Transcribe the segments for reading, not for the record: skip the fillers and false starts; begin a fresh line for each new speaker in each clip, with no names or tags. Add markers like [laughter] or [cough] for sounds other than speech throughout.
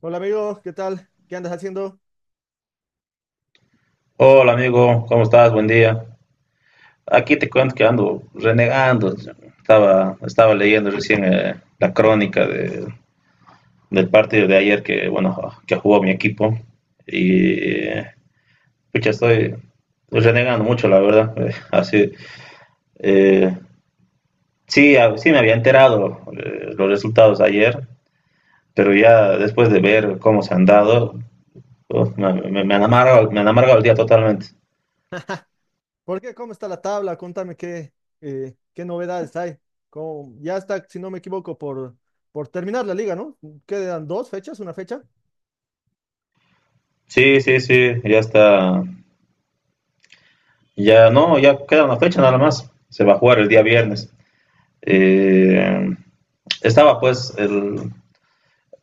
Hola amigo, ¿qué tal? ¿Qué andas haciendo?
Hola amigo, ¿cómo estás? Buen día. Aquí te cuento que ando renegando. Estaba leyendo recién la crónica del partido de ayer que, bueno, que jugó mi equipo. Y pucha, estoy renegando mucho, la verdad. Eh, sí, sí me había enterado los resultados ayer, pero ya después de ver cómo se han dado, uf, me han amargado el día totalmente.
¿Por qué? ¿Cómo está la tabla? Contame qué novedades hay. Ya está, si no me equivoco, por terminar la liga, ¿no? Quedan dos fechas, una fecha.
Sí, sí, sí, ya está. Ya no, ya queda una fecha nada más. Se va a jugar el día viernes. Eh, estaba pues el,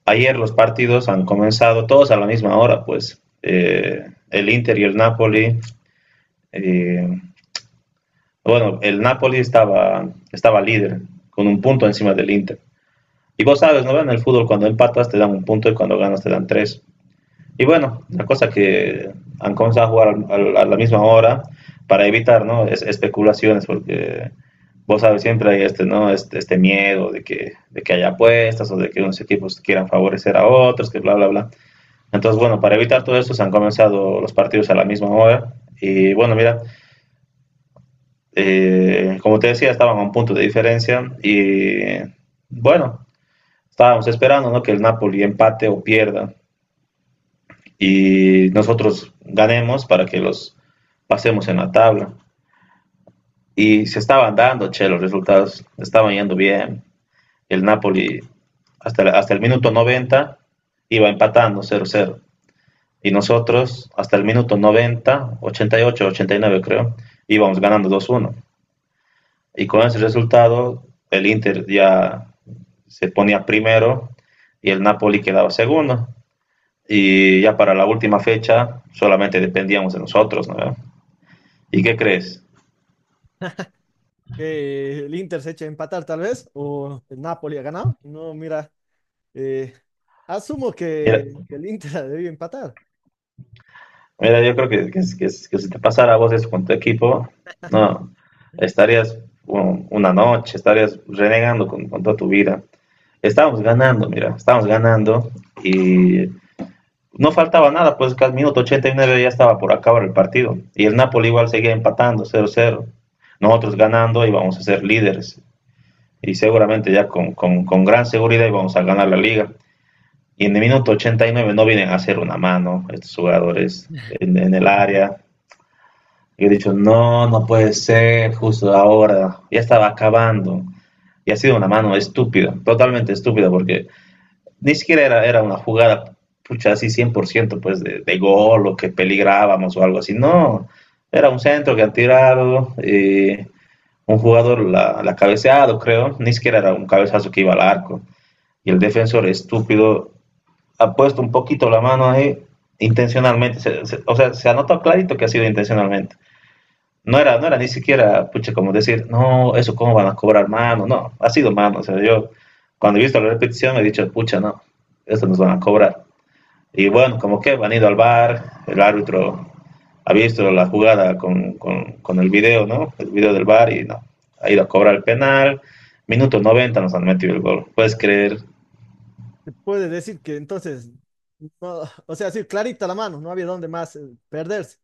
ayer los partidos han comenzado todos a la misma hora, pues el Inter y el Napoli. eh, bueno, el Napoli estaba líder con un punto encima del Inter. Y vos sabes, ¿no? En el fútbol cuando empatas te dan un punto y cuando ganas te dan tres. Y bueno, la cosa que han comenzado a jugar a la misma hora para evitar, ¿no? Especulaciones, porque vos sabes, siempre hay este, ¿no? Este miedo de de que haya apuestas o de que unos equipos quieran favorecer a otros, que bla, bla, bla. Entonces, bueno, para evitar todo eso se han comenzado los partidos a la misma hora. Y bueno, mira, como te decía, estaban a un punto de diferencia y bueno, estábamos esperando, ¿no? Que el Napoli empate o pierda y nosotros ganemos para que los pasemos en la tabla. Y se estaban dando, che, los resultados estaban yendo bien. El Napoli hasta el minuto 90 iba empatando 0-0. Y nosotros hasta el minuto 90, 88, 89 creo, íbamos ganando 2-1. Y con ese resultado el Inter ya se ponía primero y el Napoli quedaba segundo. Y ya para la última fecha solamente dependíamos de nosotros, ¿no? ¿Y qué crees?
Que el Inter se eche a empatar tal vez, o el Napoli ha ganado. No, mira, eh, asumo
Mira,
que el Inter [laughs] ha empatar.
mira, yo creo que si te pasara a vos eso con tu equipo, no, estarías una noche, estarías renegando con toda tu vida. Estábamos ganando, mira, estábamos ganando y no faltaba nada, pues que al minuto 89 ya estaba por acabar el partido. Y el Napoli igual seguía empatando, 0-0. Nosotros ganando íbamos a ser líderes y seguramente ya con gran seguridad íbamos a ganar la liga. Y en el minuto 89 no vienen a hacer una mano estos jugadores en el área. Yo he dicho, no, no puede ser, justo ahora, ya estaba acabando. Y ha sido una mano estúpida, totalmente estúpida, porque ni siquiera era, era una jugada, pucha, así 100% pues de gol o que peligrábamos o algo así. No, era un centro que han tirado, y un jugador la cabeceado, creo, ni siquiera era un cabezazo que iba al arco. Y el defensor estúpido ha puesto un poquito la mano ahí intencionalmente. O sea, se ha notado clarito que ha sido intencionalmente. No era ni siquiera, pucha, como decir, no, eso cómo van a cobrar mano. No, ha sido mano. O sea, yo cuando he visto la repetición he dicho, pucha, no, esto nos van a cobrar. Y bueno, como que han ido al bar, el árbitro ha visto la jugada con, con el video, ¿no? El video del bar y no, ha ido a cobrar el penal. Minuto 90 nos han metido el gol, ¿puedes creer?
Se puede decir que entonces, no, [laughs] o sea, sí, clarita la mano, no había dónde más perderse.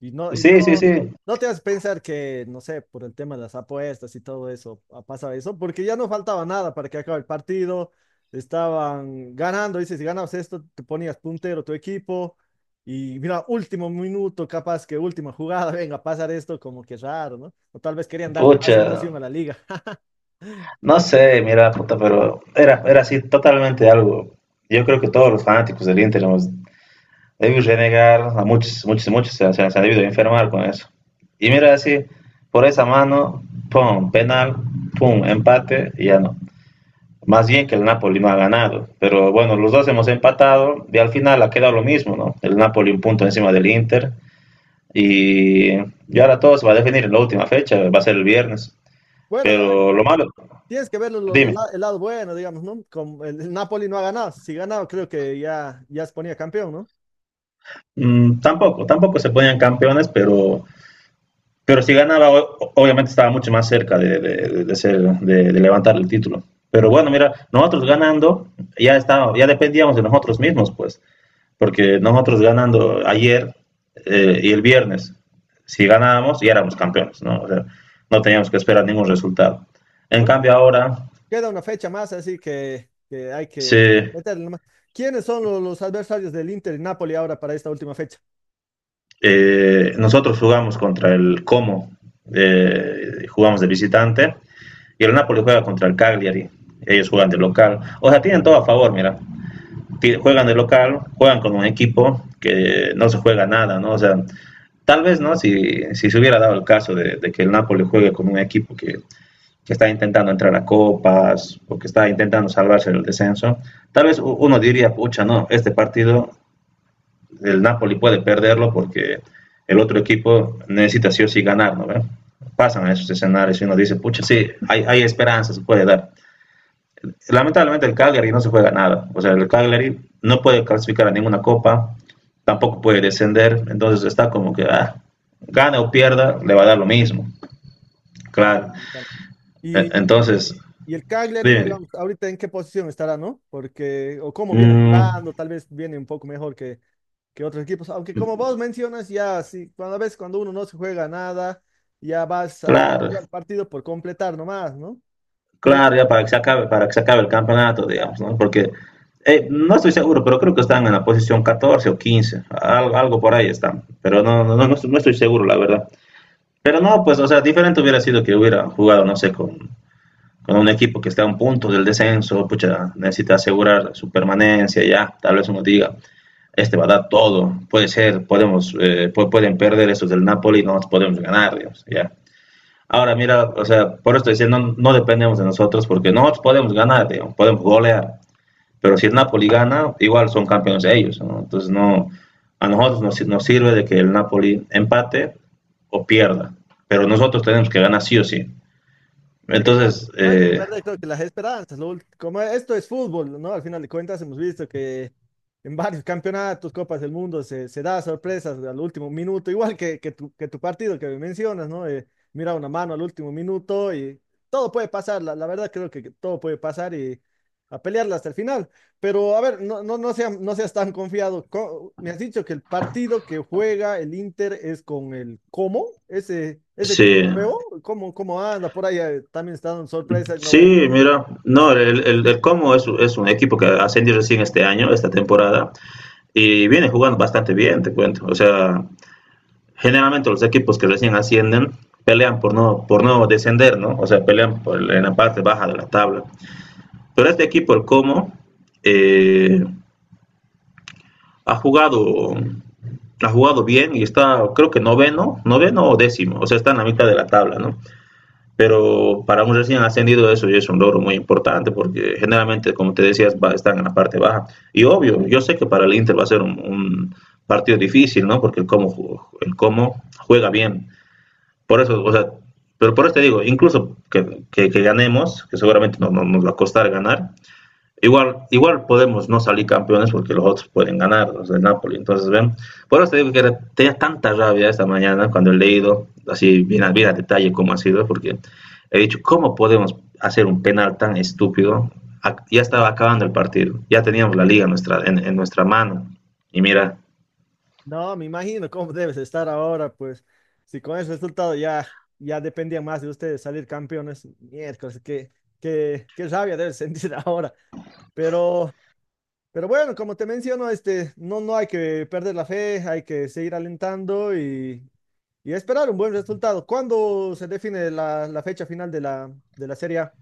Y no, y
Sí, sí,
no,
sí.
no te vas a pensar que, no sé, por el tema de las apuestas y todo eso, ha pasado eso, porque ya no faltaba nada para que acabe el partido. Estaban ganando, dices, si ganabas esto, te ponías puntero tu equipo. Y mira, último minuto, capaz que última jugada, [laughs] venga, a pasar esto, como que raro, ¿no? O tal vez querían darle más
Pucha,
emoción a la liga. [laughs]
no sé, mira, puta, pero era así totalmente algo. Yo creo que todos los fanáticos del Inter hemos debido renegar, a muchos, muchos, muchos se han debido enfermar con eso. Y mira, así, por esa mano, pum, penal, pum, empate, y ya no. Más bien que el Napoli no ha ganado. Pero bueno, los dos hemos empatado y al final ha quedado lo mismo, ¿no? El Napoli un punto encima del Inter. Y ahora todo se va a definir en la última fecha, va a ser el viernes.
Bueno,
Pero lo malo,
tienes que ver
dime.
el lado bueno, digamos, ¿no? Como el Napoli no ha ganado. Si ganaba, creo que ya se ponía campeón, ¿no?
Mm, tampoco se ponían campeones, pero si ganaba, obviamente estaba mucho más cerca de, de ser, de levantar el título. Pero bueno, mira, nosotros ganando, ya estábamos, ya dependíamos de nosotros mismos, pues, porque nosotros ganando ayer y el viernes, si ganábamos, ya éramos campeones, ¿no? O sea, no teníamos que esperar ningún resultado. En
Bueno,
cambio, ahora
queda una fecha más, así que hay que
se,
meterle nomás. ¿Quiénes son los adversarios del Inter y Napoli ahora para esta última fecha?
nosotros jugamos contra el Como, jugamos de visitante. Y el Napoli juega contra el Cagliari. Ellos juegan de local. O sea, tienen todo a favor, mira. Juegan de local, juegan con un equipo que no se juega nada, ¿no? O sea, tal vez, ¿no? Si se hubiera dado el caso de que el Napoli juegue con un equipo que, está intentando entrar a copas o que está intentando salvarse del descenso, tal vez uno diría, pucha, no, este partido el Napoli puede perderlo porque el otro equipo necesita sí o sí ganar, ¿no? ¿Ve? Pasan a esos escenarios y uno dice, pucha, sí, hay esperanza, se puede dar. Lamentablemente el Cagliari no se juega nada. O sea, el Cagliari no puede clasificar a ninguna copa, tampoco puede descender, entonces está como que ah, gana o pierda, le va a dar lo
Claro, mira.
mismo.
Ah,
Claro.
y, tal. y
Entonces,
y el Cagliari,
dime,
digamos, ahorita en qué posición estará, ¿no? Porque, o cómo viene
mm,
jugando, tal vez viene un poco mejor que otros equipos. Aunque como vos mencionas, ya sí, cuando a veces cuando uno no se juega nada, ya vas a
claro,
jugar partido por completar nomás, ¿no?
claro,
Pero
ya para que se acabe, para que se acabe el campeonato,
la-
digamos, ¿no? Porque no estoy seguro, pero creo que están en la posición 14 o 15, algo, algo por ahí están, pero no, no, no, no, estoy seguro, la verdad. Pero no, pues, o sea, diferente hubiera sido que hubiera jugado, no sé, con un equipo que está a un punto del descenso, pucha, necesita asegurar su permanencia ya, tal vez uno diga, este va a dar todo, puede ser, podemos, pueden perder estos del Napoli, no nos podemos ganar, digamos, ya. Ahora mira, o sea, por esto diciendo, no, no dependemos de nosotros porque nosotros podemos ganar, digamos, podemos golear, pero si el Napoli gana, igual son campeones ellos, ¿no? Entonces no, a nosotros nos, nos sirve de que el Napoli empate o pierda, pero nosotros tenemos que ganar sí o sí.
eh, no,
Entonces,
no hay que perder, creo que las esperanzas. Como esto es fútbol, ¿no? Al final de cuentas hemos visto que en varios campeonatos, Copas del Mundo, se da sorpresas al último minuto, igual que tu partido que mencionas, ¿no? Mira una mano al último minuto y todo puede pasar, la verdad creo que todo puede pasar y a pelearla hasta el final. Pero a ver, no seas tan confiado. Me has dicho que el partido que juega el Inter es con el cómo ese, ese equipo
sí,
es nuevo. ¿Cómo, cómo anda? Por ahí también está dando sorpresa, no vayas
sí, mira,
a
no,
andar, pues.
el Como es un equipo que ascendió recién este año, esta temporada, y viene jugando bastante bien, te cuento. O sea, generalmente los equipos que recién ascienden pelean por no descender, ¿no? O sea, pelean por, en la parte baja de la tabla. Pero este equipo, el Como, eh, ha jugado ha jugado bien y está creo que noveno, noveno o décimo, o sea, está en la mitad de la tabla, ¿no? Pero para un recién ascendido eso ya es un logro muy importante porque generalmente, como te decías, va, están en la parte baja. Y obvio, yo sé que para el Inter va a ser un partido difícil, ¿no? Porque el cómo juega bien. Por eso, o sea, pero por eso te digo, incluso que ganemos, que seguramente nos no, nos va a costar ganar. Igual, igual podemos no salir campeones porque los otros pueden ganar, los de Napoli. Entonces, ven, por eso te digo que tenía tanta rabia esta mañana cuando he leído, así bien, bien a detalle cómo ha sido, porque he dicho, ¿cómo podemos hacer un penal tan estúpido? Ya estaba acabando el partido, ya teníamos la liga nuestra, en nuestra mano. Y mira,
No, me imagino cómo debes estar ahora, pues. Si con ese resultado ya, ya dependía más de ustedes salir campeones, miércoles, qué rabia debes sentir [laughs] ahora. Pero. Pero bueno, como te menciono, este, no, no hay que perder la fe, hay que seguir alentando y esperar un buen resultado. ¿Cuándo se define la fecha final de de la Serie A?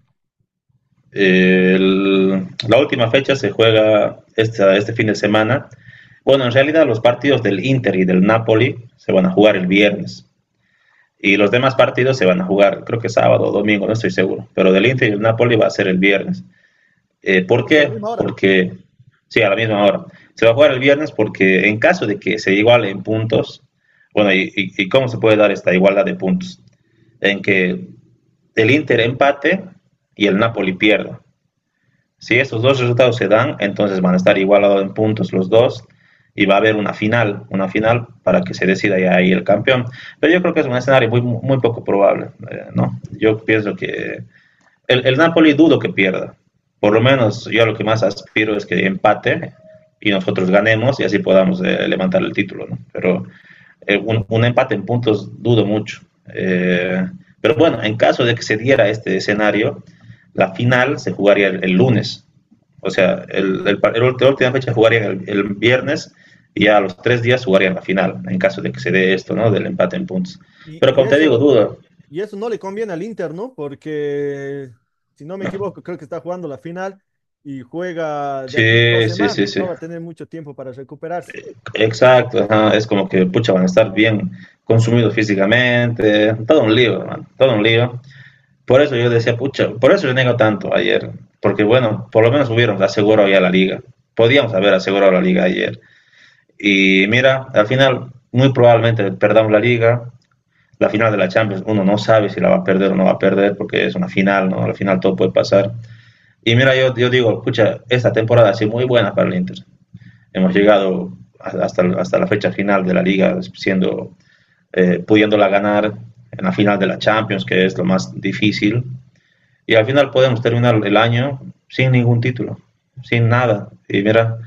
la última fecha se juega este fin de semana. Bueno, en realidad los partidos del Inter y del Napoli se van a jugar el viernes. Y los demás partidos se van a jugar, creo que sábado o domingo, no estoy seguro. Pero del Inter y el Napoli va a ser el viernes. ¿Por
Supongo que a la
qué?
misma hora.
Porque, sí, a la misma hora. Se va a jugar el viernes porque en caso de que se iguale en puntos, bueno, y cómo se puede dar esta igualdad de puntos? En que el Inter empate y el Napoli pierda. Si estos dos resultados se dan, entonces van a estar igualados en puntos los dos y va a haber una final para que se decida ya ahí el campeón. Pero yo creo que es un escenario muy, muy poco probable, ¿no? Yo pienso que el Napoli dudo que pierda. Por lo menos yo lo que más aspiro es que empate y nosotros ganemos y así podamos levantar el título, ¿no? Pero empate en puntos dudo mucho. Eh, pero bueno, en caso de que se diera este escenario, la final se jugaría el lunes. O sea, la última fecha jugaría el viernes y a los tres días jugarían la final, en caso de que se dé esto, ¿no? Del empate en puntos.
Y,
Pero
y
como te digo,
eso,
duda.
y eso no le conviene al Inter, ¿no? Porque, si no me equivoco, creo que está jugando la final y juega de aquí dos
Sí, sí, sí,
semanas.
sí.
No va a tener mucho tiempo para recuperarse.
Exacto. Ajá. Es como que, pucha, van a estar bien consumidos físicamente. Todo un lío, man. Todo un lío. Por eso yo decía, pucha, por eso yo nego tanto ayer, porque bueno, por lo menos hubieron asegurado ya la liga. Podíamos haber asegurado la liga ayer. Y mira, al final muy probablemente perdamos la liga. La final de la Champions, uno no sabe si la va a perder o no va a perder, porque es una final, ¿no? Al final todo puede pasar. Y mira, yo digo, pucha, esta temporada ha sido muy buena para el Inter. Hemos llegado hasta la fecha final de la liga, siendo, pudiéndola ganar en la final de la Champions, que es lo más difícil y al final podemos terminar el año sin ningún título, sin nada. Y mira,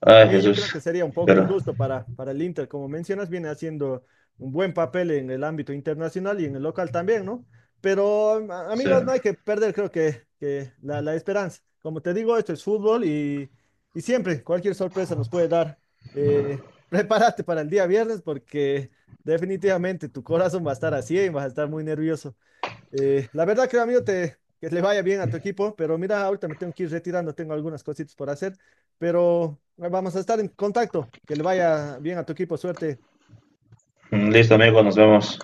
ay
Sí, yo creo
Jesús,
que sería un poco
pero
injusto para el Inter. Como mencionas, viene haciendo un buen papel en el ámbito internacional y en el local también, ¿no? Pero,
sí.
amigos, no hay que perder, creo que la esperanza. Como te digo, esto es fútbol y siempre cualquier sorpresa nos puede dar. [laughs] Prepárate para el día viernes porque definitivamente tu corazón va a estar a 100, vas a estar muy nervioso. La verdad, creo, amigo, te, que le vaya bien a tu equipo, pero mira, ahorita me tengo que ir retirando, tengo algunas cositas por hacer, pero vamos a estar en contacto. Que le vaya bien a tu equipo, suerte.
Listo amigo, nos vemos.